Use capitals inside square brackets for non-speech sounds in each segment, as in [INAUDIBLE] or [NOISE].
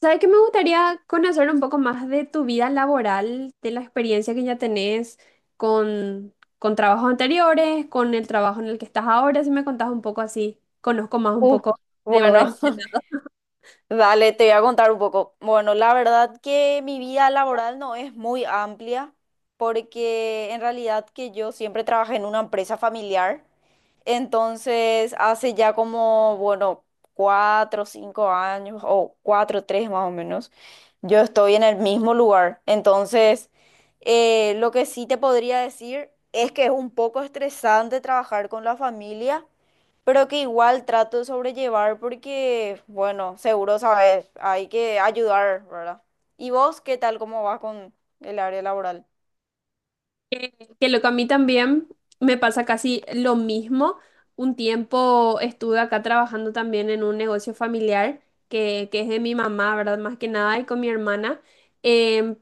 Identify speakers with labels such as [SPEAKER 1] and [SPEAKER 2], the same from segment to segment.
[SPEAKER 1] ¿Sabes qué me gustaría conocer un poco más de tu vida laboral, de la experiencia que ya tenés con trabajos anteriores, con el trabajo en el que estás ahora? Si me contás un poco así, conozco más un
[SPEAKER 2] Uf,
[SPEAKER 1] poco de vos.
[SPEAKER 2] bueno, [LAUGHS] dale, te voy a contar un poco. Bueno, la verdad que mi vida laboral no es muy amplia porque en realidad que yo siempre trabajé en una empresa familiar. Entonces, hace ya como, bueno, cuatro, cinco años o cuatro, tres más o menos, yo estoy en el mismo lugar. Entonces, lo que sí te podría decir es que es un poco estresante trabajar con la familia pero que igual trato de sobrellevar porque, bueno, seguro sabes, hay que ayudar, ¿verdad? ¿Y vos qué tal, cómo vas con el área laboral?
[SPEAKER 1] Que lo que a mí también me pasa casi lo mismo. Un tiempo estuve acá trabajando también en un negocio familiar que es de mi mamá, ¿verdad? Más que nada, y con mi hermana. Em,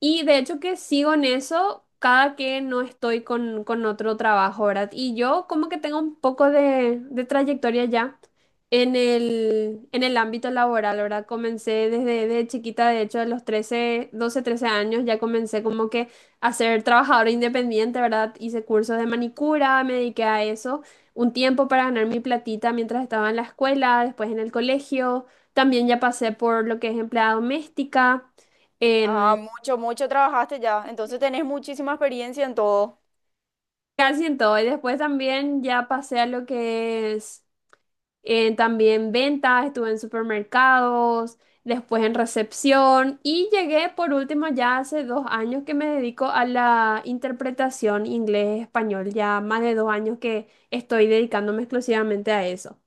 [SPEAKER 1] y de hecho que sigo en eso cada que no estoy con otro trabajo, ¿verdad? Y yo como que tengo un poco de trayectoria ya en el ámbito laboral, ¿verdad? Comencé desde chiquita, de hecho, a los 13 12 13 años, ya comencé como que a ser trabajadora independiente, ¿verdad? Hice cursos de manicura, me dediqué a eso un tiempo para ganar mi platita mientras estaba en la escuela, después en el colegio. También ya pasé por lo que es empleada doméstica, en
[SPEAKER 2] Ah, mucho, mucho trabajaste ya, entonces tenés muchísima experiencia en todo.
[SPEAKER 1] casi en todo. Y después también ya pasé a lo que es también ventas, estuve en supermercados, después en recepción y llegué por último ya hace 2 años que me dedico a la interpretación inglés-español, ya más de dos años que estoy dedicándome exclusivamente a eso.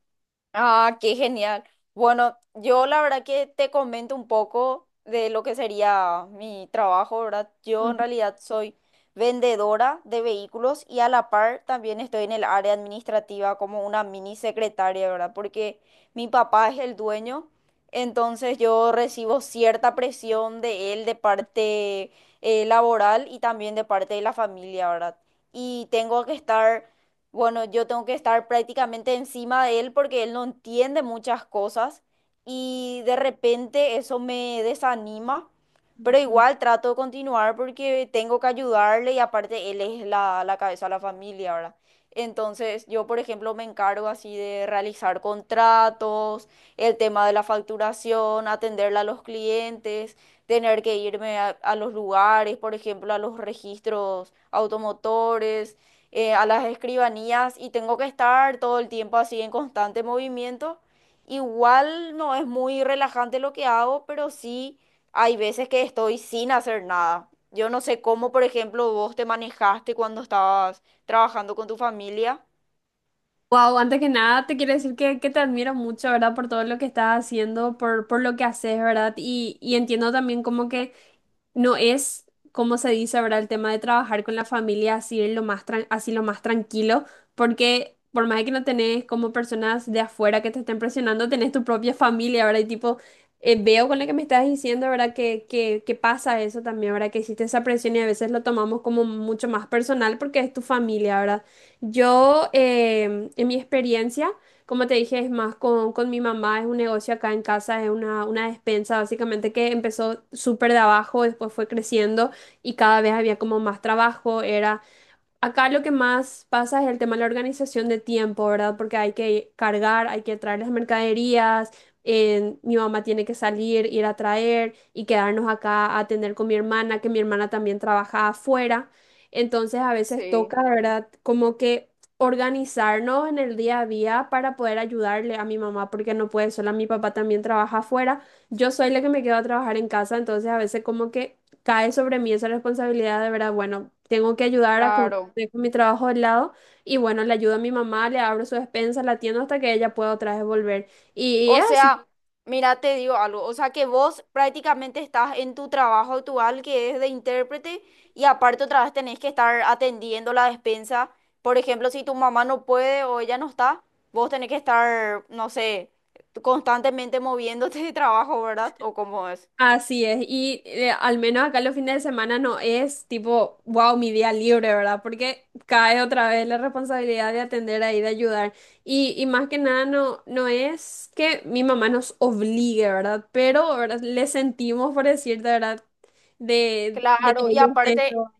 [SPEAKER 2] Ah, qué genial. Bueno, yo la verdad que te comento un poco de lo que sería mi trabajo, ¿verdad? Yo en
[SPEAKER 1] Ujú,
[SPEAKER 2] realidad soy vendedora de vehículos y a la par también estoy en el área administrativa como una mini secretaria, ¿verdad? Porque mi papá es el dueño, entonces yo recibo cierta presión de él de parte laboral y también de parte de la familia, ¿verdad? Y tengo que estar bueno, yo tengo que estar prácticamente encima de él porque él no entiende muchas cosas y de repente eso me desanima, pero
[SPEAKER 1] ujú.
[SPEAKER 2] igual trato de continuar porque tengo que ayudarle y aparte él es la cabeza de la familia, ¿verdad? Entonces yo, por ejemplo, me encargo así de realizar contratos, el tema de la facturación, atenderle a los clientes, tener que irme a los lugares, por ejemplo, a los registros automotores a las escribanías y tengo que estar todo el tiempo así en constante movimiento. Igual no es muy relajante lo que hago, pero sí hay veces que estoy sin hacer nada. Yo no sé cómo, por ejemplo, vos te manejaste cuando estabas trabajando con tu familia.
[SPEAKER 1] Wow, antes que nada te quiero decir que te admiro mucho, ¿verdad? Por todo lo que estás haciendo, por lo que haces, ¿verdad? Y entiendo también como que no es, como se dice, ¿verdad? El tema de trabajar con la familia así lo más tranquilo, porque por más de que no tenés como personas de afuera que te estén presionando, tenés tu propia familia, ¿verdad? Y tipo, veo con lo que me estás diciendo, ¿verdad? Que pasa eso también, ¿verdad? Que existe esa presión y a veces lo tomamos como mucho más personal porque es tu familia, ¿verdad? Yo, en mi experiencia, como te dije, es más con mi mamá, es un negocio acá en casa, es una despensa básicamente que empezó súper de abajo, después fue creciendo y cada vez había como más trabajo, era acá lo que más pasa es el tema de la organización de tiempo, ¿verdad? Porque hay que cargar, hay que traer las mercaderías, mi mamá tiene que salir, ir a traer y quedarnos acá a atender con mi hermana, que mi hermana también trabaja afuera. Entonces a veces
[SPEAKER 2] Sí,
[SPEAKER 1] toca, ¿verdad? Como que organizarnos en el día a día para poder ayudarle a mi mamá, porque no puede sola, mi papá también trabaja afuera, yo soy la que me quedo a trabajar en casa, entonces a veces como que cae sobre mí esa responsabilidad de verdad, bueno, tengo que ayudar a cubrir.
[SPEAKER 2] claro.
[SPEAKER 1] Dejo mi trabajo de lado y bueno, le ayudo a mi mamá, le abro su despensa, la atiendo hasta que ella pueda otra vez volver. Y
[SPEAKER 2] O
[SPEAKER 1] es así,
[SPEAKER 2] sea, mira, te digo algo, o sea que vos prácticamente estás en tu trabajo actual que es de intérprete y aparte otra vez tenés que estar atendiendo la despensa. Por ejemplo, si tu mamá no puede o ella no está, vos tenés que estar, no sé, constantemente moviéndote de trabajo, ¿verdad? ¿O cómo es?
[SPEAKER 1] así es. Y al menos acá los fines de semana no es tipo, wow, mi día libre, ¿verdad? Porque cae otra vez la responsabilidad de atender ahí, de ayudar. Y más que nada no es que mi mamá nos obligue, ¿verdad? Pero, ¿verdad? Le sentimos, por decirte, ¿verdad? De que
[SPEAKER 2] Claro, y
[SPEAKER 1] ella esté
[SPEAKER 2] aparte.
[SPEAKER 1] todo.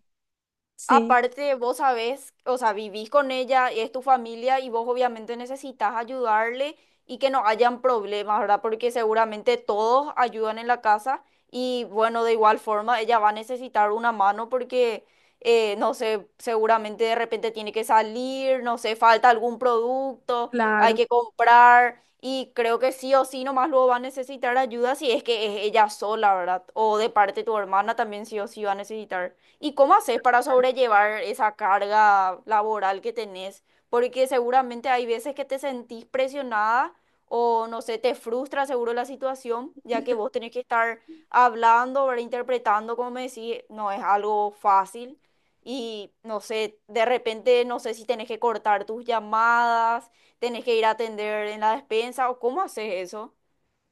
[SPEAKER 1] Sí,
[SPEAKER 2] Aparte, vos sabés, o sea, vivís con ella, es tu familia y vos obviamente necesitas ayudarle y que no hayan problemas, ¿verdad? Porque seguramente todos ayudan en la casa y bueno, de igual forma ella va a necesitar una mano porque, no sé, seguramente de repente tiene que salir, no sé, falta algún producto, hay
[SPEAKER 1] claro.
[SPEAKER 2] que comprar y creo que sí o sí nomás luego va a necesitar ayuda si es que es ella sola, ¿verdad? O de parte de tu hermana también sí o sí va a necesitar. ¿Y cómo haces para sobrellevar esa carga laboral que tenés? Porque seguramente hay veces que te sentís presionada o no sé, te frustra seguro la situación, ya que vos tenés que estar hablando, ¿verdad? Interpretando, como me decís, no es algo fácil. Y no sé, de repente no sé si tenés que cortar tus llamadas, tenés que ir a atender en la despensa o cómo haces eso.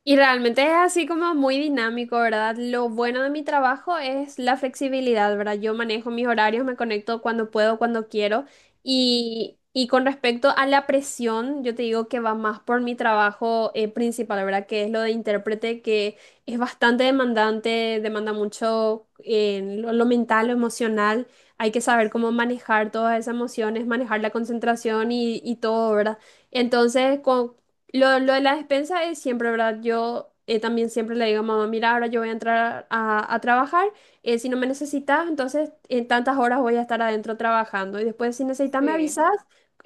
[SPEAKER 1] Y realmente es así como muy dinámico, ¿verdad? Lo bueno de mi trabajo es la flexibilidad, ¿verdad? Yo manejo mis horarios, me conecto cuando puedo, cuando quiero. Y con respecto a la presión, yo te digo que va más por mi trabajo principal, ¿verdad? Que es lo de intérprete, que es bastante demandante, demanda mucho en lo mental, lo emocional. Hay que saber cómo manejar todas esas emociones, manejar la concentración y todo, ¿verdad? Entonces, lo de la despensa es siempre, ¿verdad? Yo también siempre le digo a mamá, mira, ahora yo voy a entrar a trabajar. Si no me necesitas, entonces en tantas horas voy a estar adentro trabajando y después si necesitas me
[SPEAKER 2] Sí.
[SPEAKER 1] avisas.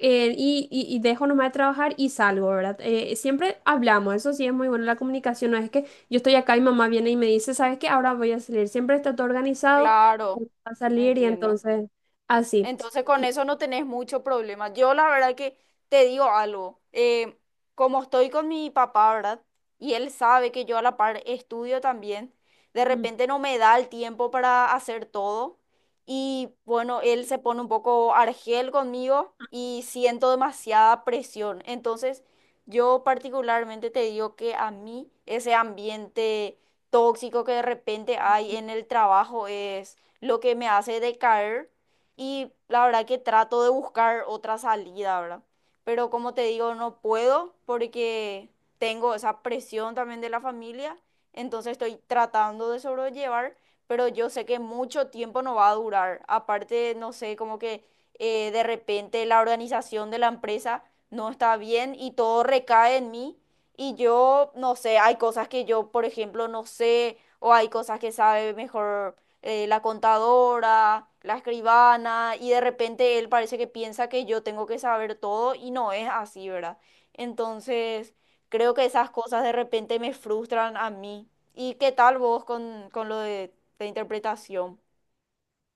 [SPEAKER 1] Eh, y, y— y dejo nomás de trabajar y salgo, ¿verdad? Siempre hablamos, eso sí es muy bueno, la comunicación no es que yo estoy acá y mamá viene y me dice, ¿sabes qué? Ahora voy a salir, siempre está todo organizado,
[SPEAKER 2] Claro,
[SPEAKER 1] voy a salir y
[SPEAKER 2] entiendo.
[SPEAKER 1] entonces así.
[SPEAKER 2] Entonces con eso no tenés mucho problema. Yo la verdad que te digo algo, como estoy con mi papá, ¿verdad? Y él sabe que yo a la par estudio también, de repente no me da el tiempo para hacer todo y bueno, él se pone un poco argel conmigo y siento demasiada presión. Entonces yo particularmente te digo que a mí ese ambiente tóxico que de repente hay en el trabajo es lo que me hace decaer y la verdad que trato de buscar otra salida, ¿verdad? Pero como te digo, no puedo porque tengo esa presión también de la familia, entonces estoy tratando de sobrellevar, pero yo sé que mucho tiempo no va a durar. Aparte, no sé, como que de repente la organización de la empresa no está bien y todo recae en mí. Y yo, no sé, hay cosas que yo, por ejemplo, no sé, o hay cosas que sabe mejor la contadora, la escribana, y de repente él parece que piensa que yo tengo que saber todo y no es así, ¿verdad? Entonces, creo que esas cosas de repente me frustran a mí. ¿Y qué tal vos con lo de interpretación?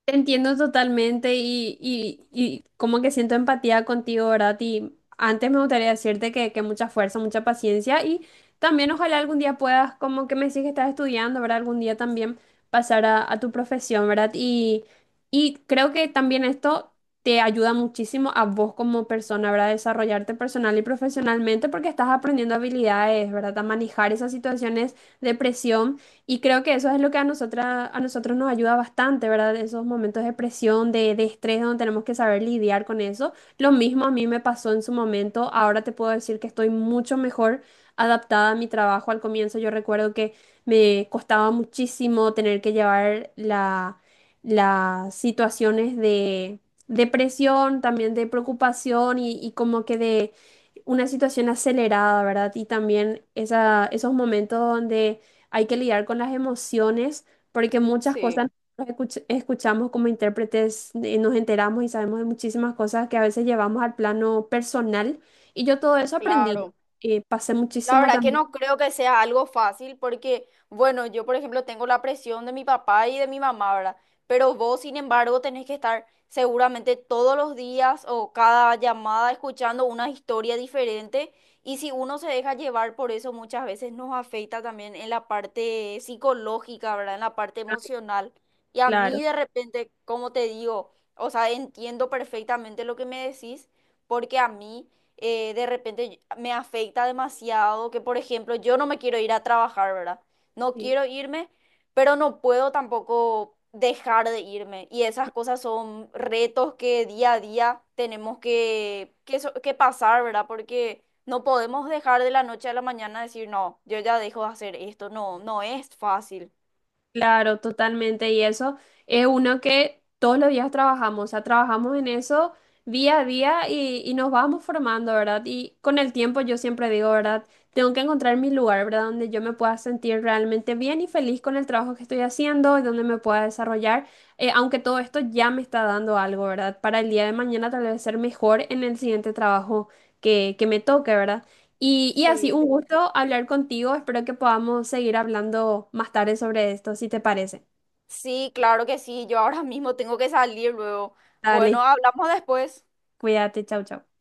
[SPEAKER 1] Te entiendo totalmente y como que siento empatía contigo, ¿verdad? Y antes me gustaría decirte que mucha fuerza, mucha paciencia y también ojalá algún día puedas, como que me decís que estás estudiando, ¿verdad? Algún día también pasar a tu profesión, ¿verdad? Y creo que también esto te ayuda muchísimo a vos como persona, ¿verdad? Desarrollarte personal y profesionalmente porque estás aprendiendo habilidades, ¿verdad? A manejar esas situaciones de presión y creo que eso es lo que a nosotras, a nosotros nos ayuda bastante, ¿verdad? Esos momentos de presión, de estrés, donde tenemos que saber lidiar con eso. Lo mismo a mí me pasó en su momento. Ahora te puedo decir que estoy mucho mejor adaptada a mi trabajo. Al comienzo yo recuerdo que me costaba muchísimo tener que llevar la, las situaciones de presión, también de preocupación y como que de una situación acelerada, ¿verdad? Y también esa, esos momentos donde hay que lidiar con las emociones, porque muchas
[SPEAKER 2] Sí,
[SPEAKER 1] cosas nosotros escuch- escuchamos como intérpretes, nos enteramos y sabemos de muchísimas cosas que a veces llevamos al plano personal. Y yo todo eso aprendí.
[SPEAKER 2] claro.
[SPEAKER 1] Pasé
[SPEAKER 2] La
[SPEAKER 1] muchísimo
[SPEAKER 2] verdad que
[SPEAKER 1] también,
[SPEAKER 2] no creo que sea algo fácil porque, bueno, yo por ejemplo tengo la presión de mi papá y de mi mamá, ¿verdad? Pero vos, sin embargo, tenés que estar seguramente todos los días o cada llamada escuchando una historia diferente y si uno se deja llevar por eso muchas veces nos afecta también en la parte psicológica, ¿verdad? En la parte
[SPEAKER 1] ah,
[SPEAKER 2] emocional. Y a
[SPEAKER 1] claro.
[SPEAKER 2] mí de repente, como te digo, o sea, entiendo perfectamente lo que me decís porque a mí de repente me afecta demasiado, que por ejemplo yo no me quiero ir a trabajar, ¿verdad? No
[SPEAKER 1] sí.
[SPEAKER 2] quiero irme, pero no puedo tampoco dejar de irme. Y esas cosas son retos que día a día tenemos que, que pasar, ¿verdad? Porque no podemos dejar de la noche a la mañana decir, no, yo ya dejo de hacer esto, no, no es fácil.
[SPEAKER 1] Claro, totalmente. Y eso es uno que todos los días trabajamos, o sea, trabajamos en eso día a día y nos vamos formando, ¿verdad? Y con el tiempo yo siempre digo, ¿verdad? Tengo que encontrar mi lugar, ¿verdad? Donde yo me pueda sentir realmente bien y feliz con el trabajo que estoy haciendo y donde me pueda desarrollar, aunque todo esto ya me está dando algo, ¿verdad? Para el día de mañana tal vez ser mejor en el siguiente trabajo que me toque, ¿verdad? Y así,
[SPEAKER 2] Sí.
[SPEAKER 1] un gusto hablar contigo. Espero que podamos seguir hablando más tarde sobre esto, si te parece.
[SPEAKER 2] Sí, claro que sí, yo ahora mismo tengo que salir luego. Bueno,
[SPEAKER 1] Dale,
[SPEAKER 2] hablamos después.
[SPEAKER 1] cuídate, chau, chau.